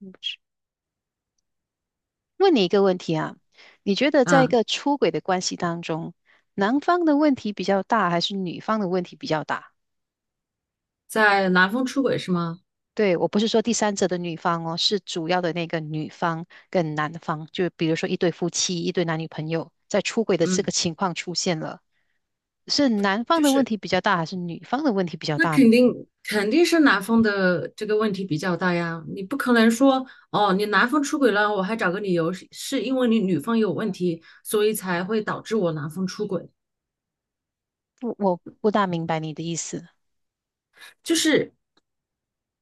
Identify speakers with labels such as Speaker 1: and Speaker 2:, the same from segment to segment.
Speaker 1: 嗯，问你一个问题啊，你觉得在一
Speaker 2: 嗯，
Speaker 1: 个出轨的关系当中，男方的问题比较大，还是女方的问题比较大？
Speaker 2: 在男方出轨是吗？
Speaker 1: 对，我不是说第三者的女方哦，是主要的那个女方跟男方，就比如说一对夫妻、一对男女朋友，在出轨的这
Speaker 2: 嗯，
Speaker 1: 个情况出现了，是男方
Speaker 2: 就
Speaker 1: 的问
Speaker 2: 是
Speaker 1: 题比较大，还是女方的问题比较
Speaker 2: 那
Speaker 1: 大呢？
Speaker 2: 肯定是男方的这个问题比较大呀，你不可能说哦，你男方出轨了，我还找个理由是因为你女方有问题，所以才会导致我男方出轨，
Speaker 1: 我不大明白你的意思。
Speaker 2: 就是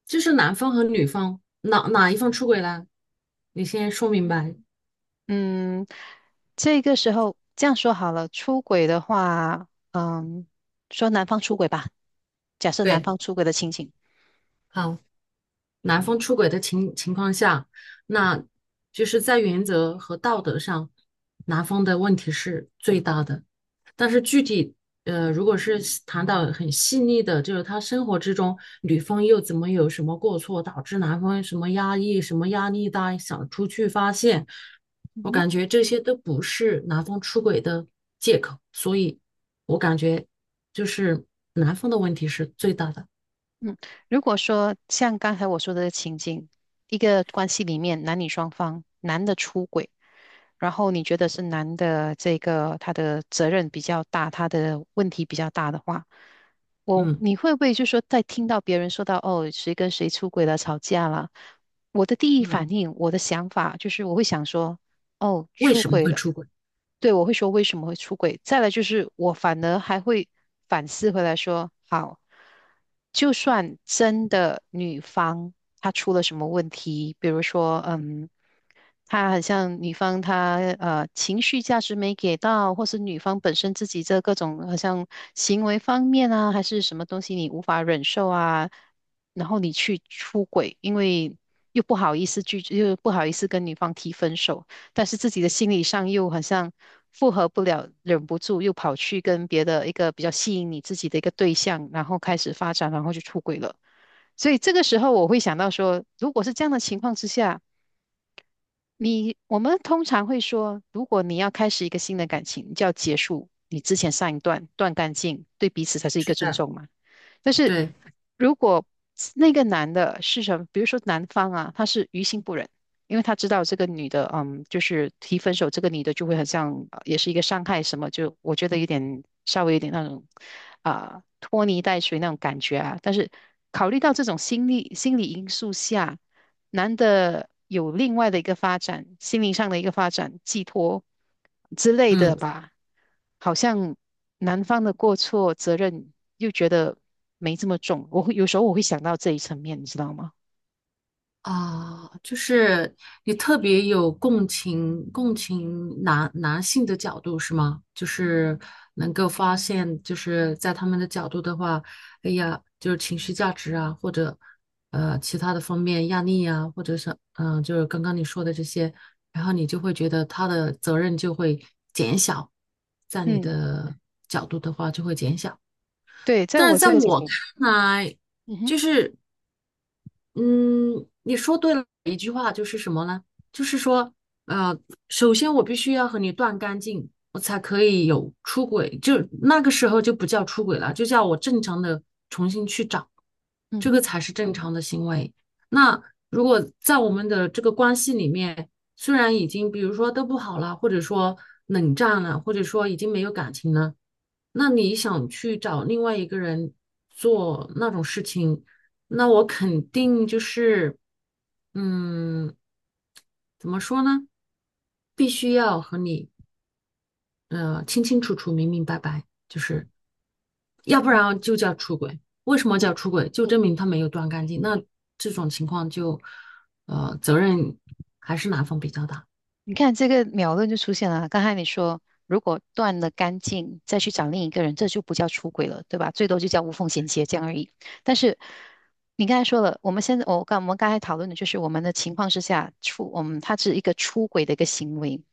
Speaker 2: 就是男方和女方哪一方出轨了，你先说明白。
Speaker 1: 嗯，这个时候这样说好了，出轨的话，说男方出轨吧。假设男
Speaker 2: 对，
Speaker 1: 方出轨的情景，
Speaker 2: 好。男方出轨的情况下，那就是在原则和道德上，男方的问题是最大的。但是具体，如果是谈到很细腻的，就是他生活之中，女方又怎么有什么过错，导致男方什么压抑、什么压力大，想出去发泄，
Speaker 1: 嗯
Speaker 2: 我
Speaker 1: 哼。
Speaker 2: 感觉这些都不是男方出轨的借口，所以我感觉就是男方的问题是最大的。
Speaker 1: 嗯，如果说像刚才我说的情景，一个关系里面男女双方，男的出轨，然后你觉得是男的这个他的责任比较大，他的问题比较大的话，
Speaker 2: 嗯
Speaker 1: 你会不会就说在听到别人说到哦谁跟谁出轨了吵架了，我的第一
Speaker 2: 嗯，
Speaker 1: 反应，我的想法就是我会想说哦
Speaker 2: 为
Speaker 1: 出
Speaker 2: 什么
Speaker 1: 轨
Speaker 2: 会
Speaker 1: 了。
Speaker 2: 出轨？
Speaker 1: 对，我会说为什么会出轨。再来就是我反而还会反思回来说，好，就算真的女方她出了什么问题，比如说，她好像女方她情绪价值没给到，或是女方本身自己这各种好像行为方面啊，还是什么东西你无法忍受啊，然后你去出轨，因为又不好意思拒，又不好意思跟女方提分手。但是自己的心理上又好像复合不了，忍不住又跑去跟别的一个比较吸引你自己的一个对象，然后开始发展，然后就出轨了。所以这个时候我会想到说，如果是这样的情况之下，我们通常会说，如果你要开始一个新的感情，你就要结束你之前上一段，断干净，对彼此才是一个
Speaker 2: 是
Speaker 1: 尊
Speaker 2: 的，
Speaker 1: 重嘛。但是
Speaker 2: 对，
Speaker 1: 如果那个男的是什么，比如说男方啊，他是于心不忍，因为他知道这个女的，就是提分手，这个女的就会很像，也是一个伤害什么，就我觉得有点稍微有点那种啊、拖泥带水那种感觉啊。但是考虑到这种心理因素下，男的有另外的一个发展，心灵上的一个发展，寄托之类的
Speaker 2: 嗯
Speaker 1: 吧。好像男方的过错责任又觉得没这么重，我会有时候我会想到这一层面，你知道吗？
Speaker 2: 啊，就是你特别有共情，共情男性的角度是吗？就是能够发现，就是在他们的角度的话，哎呀，就是情绪价值啊，或者其他的方面压力啊，或者是就是刚刚你说的这些，然后你就会觉得他的责任就会减小，在你
Speaker 1: 嗯，
Speaker 2: 的角度的话就会减小，
Speaker 1: 对，在
Speaker 2: 但
Speaker 1: 我
Speaker 2: 是在
Speaker 1: 这个
Speaker 2: 对
Speaker 1: 角
Speaker 2: 我
Speaker 1: 度，
Speaker 2: 看来。
Speaker 1: 嗯哼。
Speaker 2: 就是嗯，你说对了一句话，就是什么呢？就是说，呃，首先我必须要和你断干净，我才可以有出轨，就那个时候就不叫出轨了，就叫我正常的重新去找，
Speaker 1: 嗯
Speaker 2: 这个
Speaker 1: 哼。
Speaker 2: 才是正常的行为。那如果在我们的这个关系里面，虽然已经比如说都不好了，或者说冷战了，或者说已经没有感情了，那你想去找另外一个人做那种事情？那我肯定就是，嗯，怎么说呢？必须要和你清清楚楚、明明白白，就是要不然就叫出轨。为什么叫出轨？就证明他没有断干净。那这种情况就，责任还是男方比较大。
Speaker 1: 你看这个秒论就出现了啊。刚才你说，如果断了干净，再去找另一个人，这就不叫出轨了，对吧？最多就叫无缝衔接这样而已。但是你刚才说了，我们现在我们刚才讨论的就是我们的情况之下出，我们它是一个出轨的一个行为。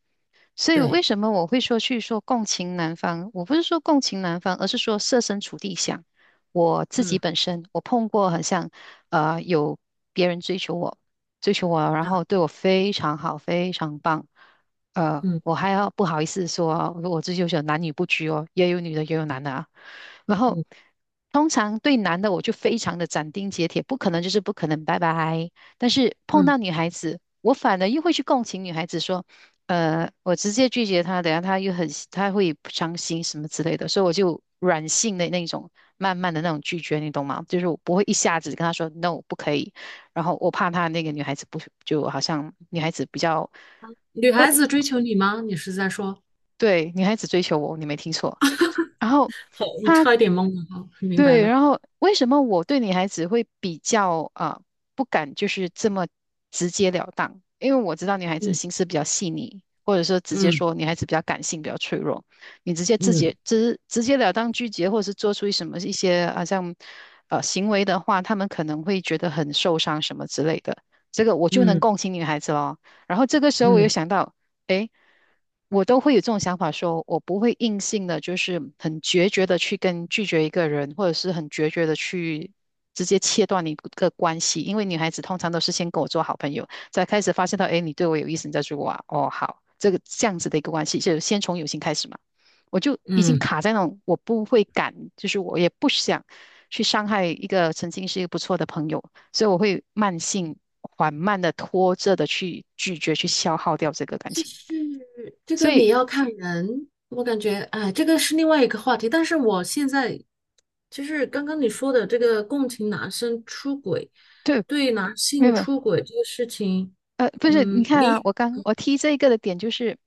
Speaker 1: 所以为
Speaker 2: 对，
Speaker 1: 什么我会说去说共情男方？我不是说共情男方，而是说设身处地想我自己
Speaker 2: 嗯
Speaker 1: 本身，我碰过很像有别人追求我，追求我，然后对我非常好，非常棒，
Speaker 2: 嗯
Speaker 1: 我还要不好意思说我追求者男女不拘哦，也有女的也有男的啊。然后
Speaker 2: 嗯
Speaker 1: 通常对男的我就非常的斩钉截铁，不可能就是不可能，拜拜。但是碰
Speaker 2: 嗯，
Speaker 1: 到女孩子，我反而又会去共情女孩子，说，我直接拒绝她，等下她又很她会不伤心什么之类的，所以我就软性的那种，慢慢的那种拒绝，你懂吗？就是我不会一下子跟她说 no 不可以，然后我怕她那个女孩子不就好像女孩子比较。
Speaker 2: 女
Speaker 1: 呃，
Speaker 2: 孩子追求你吗？你是在说？
Speaker 1: 对，女孩子追求我，你没听错。然后
Speaker 2: 好，我
Speaker 1: 她
Speaker 2: 差一点懵了。好，明白
Speaker 1: 对，
Speaker 2: 了。
Speaker 1: 然后为什么我对女孩子会比较啊、不敢就是这么直截了当？因为我知道女孩子心
Speaker 2: 嗯
Speaker 1: 思比较细腻，或者说直接
Speaker 2: 嗯
Speaker 1: 说女孩子比较感性、比较脆弱。你直接直
Speaker 2: 嗯
Speaker 1: 接直直截了当拒绝，或者是做出什么一些好像行为的话，他们可能会觉得很受伤什么之类的。这个我就能
Speaker 2: 嗯
Speaker 1: 共情女孩子咯。然后这个时候我又
Speaker 2: 嗯
Speaker 1: 想到。诶，我都会有这种想法说，我不会硬性的，就是很决绝的去拒绝一个人，或者是很决绝的去直接切断一个关系。因为女孩子通常都是先跟我做好朋友，才开始发现到，哎，你对我有意思，你再说我啊。哦，好，这个这样子的一个关系，就先从友情开始嘛。我就已经
Speaker 2: 嗯。
Speaker 1: 卡在那种，我不会敢，就是我也不想去伤害一个曾经是一个不错的朋友，所以我会慢性、缓慢的拖着的去拒绝，去消耗掉这个感
Speaker 2: 就
Speaker 1: 情。
Speaker 2: 是这
Speaker 1: 所
Speaker 2: 个
Speaker 1: 以
Speaker 2: 你要看人，我感觉哎，这个是另外一个话题。但是我现在就是刚刚你说的这个共情男生出轨，
Speaker 1: 对，
Speaker 2: 对男
Speaker 1: 没有
Speaker 2: 性
Speaker 1: 没有，
Speaker 2: 出轨这个事情，
Speaker 1: 不是，你
Speaker 2: 嗯，
Speaker 1: 看啊，
Speaker 2: 你
Speaker 1: 我提这一个的点就是，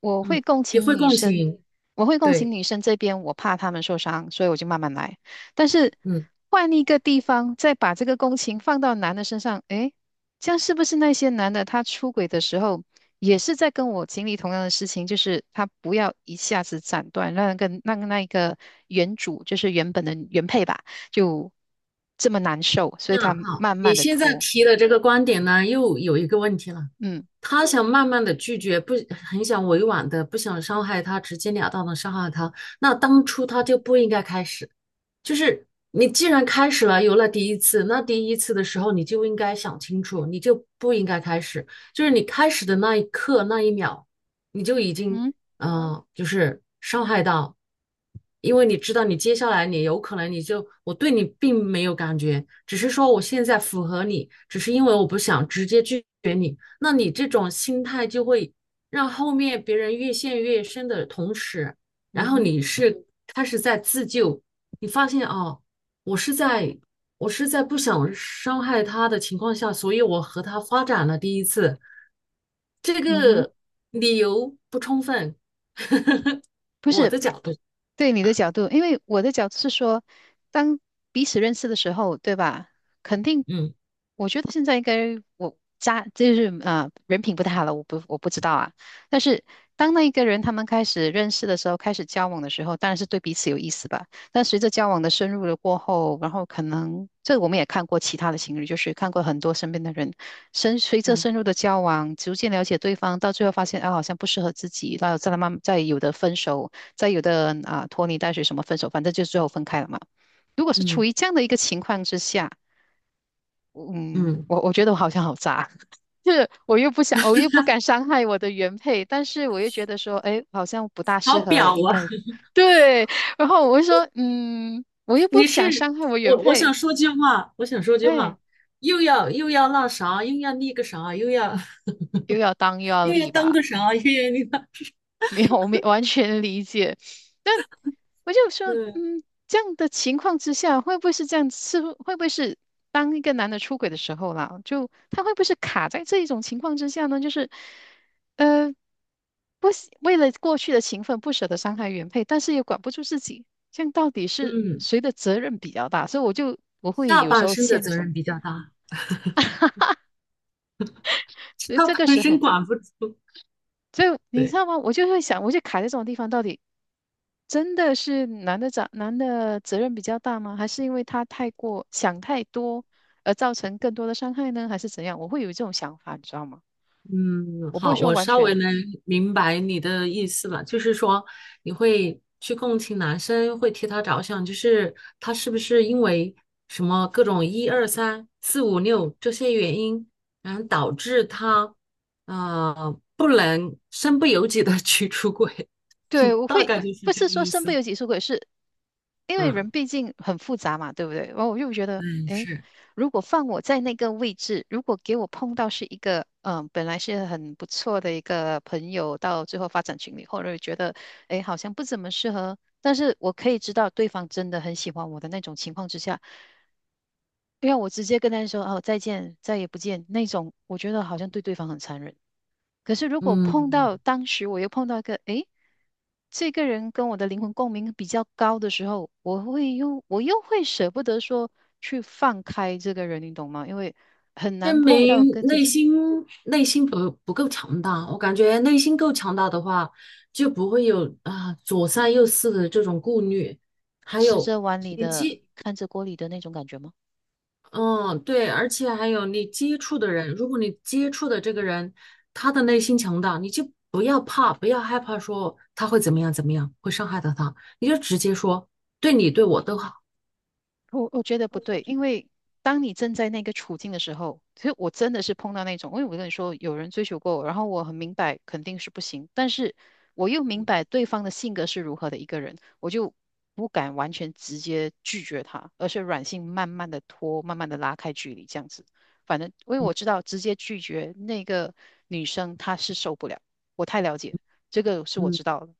Speaker 1: 我会
Speaker 2: 嗯
Speaker 1: 共
Speaker 2: 你
Speaker 1: 情
Speaker 2: 会
Speaker 1: 女
Speaker 2: 共
Speaker 1: 生，
Speaker 2: 情，
Speaker 1: 我会共情
Speaker 2: 对，
Speaker 1: 女生这边，我怕她们受伤，所以我就慢慢来。但是
Speaker 2: 嗯，
Speaker 1: 换一个地方，再把这个共情放到男的身上，诶，这样是不是那些男的他出轨的时候，也是在跟我经历同样的事情，就是他不要一下子斩断，让那个让那一个原主，就是原本的原配吧，就这么难受，所以他
Speaker 2: 那好，
Speaker 1: 慢慢
Speaker 2: 你
Speaker 1: 的
Speaker 2: 现在
Speaker 1: 拖，
Speaker 2: 提的这个观点呢，又有一个问题了。
Speaker 1: 嗯。
Speaker 2: 他想慢慢的拒绝，不很想委婉的，不想伤害他，直截了当的伤害他。那当初他就不应该开始。就是你既然开始了，有了第一次，那第一次的时候你就应该想清楚，你就不应该开始。就是你开始的那一刻那一秒，你就已经
Speaker 1: 嗯。
Speaker 2: 就是伤害到，因为你知道你接下来你有可能你就我对你并没有感觉，只是说我现在符合你，只是因为我不想直接拒绝你。那你这种心态就会让后面别人越陷越深的同时，然
Speaker 1: 嗯
Speaker 2: 后
Speaker 1: 哼。
Speaker 2: 你是开始在自救。你发现哦，我是在我是在不想伤害他的情况下，所以我和他发展了第一次，这
Speaker 1: 嗯哼。
Speaker 2: 个理由不充分，
Speaker 1: 不
Speaker 2: 我
Speaker 1: 是，
Speaker 2: 的角度，
Speaker 1: 对你的角度，因为我的角度是说，当彼此认识的时候，对吧？肯定，
Speaker 2: 嗯
Speaker 1: 我觉得现在应该我家就是啊，人品不太好了，我不知道啊。但是当那一个人他们开始认识的时候，开始交往的时候，当然是对彼此有意思吧。但随着交往的深入了过后，然后可能这我们也看过其他的情侣，就是看过很多身边的人，随着
Speaker 2: 嗯
Speaker 1: 深入的交往，逐渐了解对方，到最后发现啊好像不适合自己，然后再慢慢再有的分手。在有的人啊拖泥带水什么分手，反正就最后分开了嘛。如果是处
Speaker 2: 嗯
Speaker 1: 于这样的一个情况之下，嗯，
Speaker 2: 嗯，
Speaker 1: 我觉得我好像好渣，就是我又不想，我又不敢伤害我的原配，但是我又觉得说，哎，好像不大
Speaker 2: 好
Speaker 1: 适合，
Speaker 2: 表
Speaker 1: 应
Speaker 2: 啊！
Speaker 1: 该对。然后我就说，嗯，我又 不
Speaker 2: 你
Speaker 1: 想
Speaker 2: 是
Speaker 1: 伤害我原
Speaker 2: 我，我
Speaker 1: 配，
Speaker 2: 想说句话，我想说句
Speaker 1: 哎，
Speaker 2: 话，又要那啥，又要那个啥，又要
Speaker 1: 又要当又 要
Speaker 2: 又要
Speaker 1: 立
Speaker 2: 当
Speaker 1: 吧，
Speaker 2: 个啥，又要那个
Speaker 1: 没有，我没完全理解。但我就 说，
Speaker 2: 嗯
Speaker 1: 嗯，这样的情况之下，会不会是这样？是不会不会是当一个男的出轨的时候啦，就他会不会是卡在这一种情况之下呢？就是，呃，不喜，为了过去的情分不舍得伤害原配，但是又管不住自己，这样到底是
Speaker 2: 嗯，
Speaker 1: 谁的责任比较大？所以我会
Speaker 2: 下
Speaker 1: 有时
Speaker 2: 半
Speaker 1: 候
Speaker 2: 身的
Speaker 1: 陷入这
Speaker 2: 责任
Speaker 1: 种，
Speaker 2: 比较大，
Speaker 1: 所以
Speaker 2: 下
Speaker 1: 这个
Speaker 2: 半
Speaker 1: 时
Speaker 2: 身
Speaker 1: 候，
Speaker 2: 管不住，
Speaker 1: 所以你知
Speaker 2: 对。
Speaker 1: 道吗？我就会想，我就卡在这种地方，到底。真的是男的责任比较大吗？还是因为他太过想太多而造成更多的伤害呢？还是怎样？我会有这种想法，你知道吗？
Speaker 2: 嗯，
Speaker 1: 我不会
Speaker 2: 好，
Speaker 1: 说
Speaker 2: 我
Speaker 1: 完
Speaker 2: 稍微
Speaker 1: 全
Speaker 2: 能明白你的意思了，就是说你会去共情男生，会替他着想，就是他是不是因为什么各种一二三四五六这些原因，然后导致他不能身不由己的 去出轨，
Speaker 1: 对，
Speaker 2: 大概就是
Speaker 1: 不
Speaker 2: 这
Speaker 1: 是
Speaker 2: 个
Speaker 1: 说
Speaker 2: 意
Speaker 1: 身不
Speaker 2: 思。
Speaker 1: 由己出轨，是因为
Speaker 2: 嗯，
Speaker 1: 人毕竟很复杂嘛，对不对？然后我又觉得，
Speaker 2: 嗯，
Speaker 1: 诶，
Speaker 2: 是，
Speaker 1: 如果放我在那个位置，如果给我碰到是一个，本来是很不错的一个朋友，到最后发展群里或者觉得，诶，好像不怎么适合，但是我可以知道对方真的很喜欢我的那种情况之下。因为我直接跟他说哦再见，再也不见那种，我觉得好像对对方很残忍。可是如果碰到
Speaker 2: 嗯。
Speaker 1: 当时我又碰到一个，诶，这个人跟我的灵魂共鸣比较高的时候，我又会舍不得说去放开这个人，你懂吗？因为很难
Speaker 2: 证
Speaker 1: 碰到
Speaker 2: 明
Speaker 1: 跟自
Speaker 2: 内
Speaker 1: 己
Speaker 2: 心内心不够强大。我感觉内心够强大的话，就不会有啊左三右四的这种顾虑。还
Speaker 1: 吃
Speaker 2: 有
Speaker 1: 着碗里
Speaker 2: 你
Speaker 1: 的
Speaker 2: 接，
Speaker 1: 看着锅里的那种感觉吗？
Speaker 2: 嗯，对，而且还有你接触的人，如果你接触的这个人他的内心强大，你就不要怕，不要害怕说他会怎么样怎么样，会伤害到他，你就直接说对你对我都好。
Speaker 1: 我觉得不对，因为当你正在那个处境的时候，其实我真的是碰到那种，因为我跟你说，有人追求过我，然后我很明白肯定是不行，但是我又明白对方的性格是如何的一个人，我就不敢完全直接拒绝他，而是软性慢慢的拖，慢慢的拉开距离，这样子。反正因为我
Speaker 2: 嗯
Speaker 1: 知道直接拒绝那个女生她是受不了，我太了解，这个是我
Speaker 2: 嗯
Speaker 1: 知道的。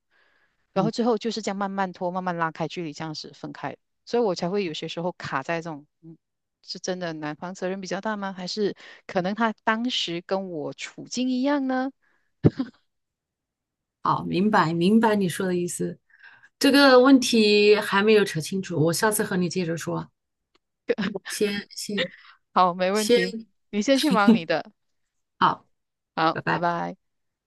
Speaker 1: 然后
Speaker 2: 嗯。
Speaker 1: 之后就是这样慢慢拖，慢慢拉开距离，这样子分开。所以我才会有些时候卡在这种，是真的男方责任比较大吗？还是可能他当时跟我处境一样呢？
Speaker 2: 好，明白你说的意思。这个问题还没有扯清楚，我下次和你接着说。先先
Speaker 1: 好，没问题，
Speaker 2: 先，
Speaker 1: 你先去忙你的，
Speaker 2: 好，
Speaker 1: 好，
Speaker 2: 拜
Speaker 1: 拜
Speaker 2: 拜。
Speaker 1: 拜。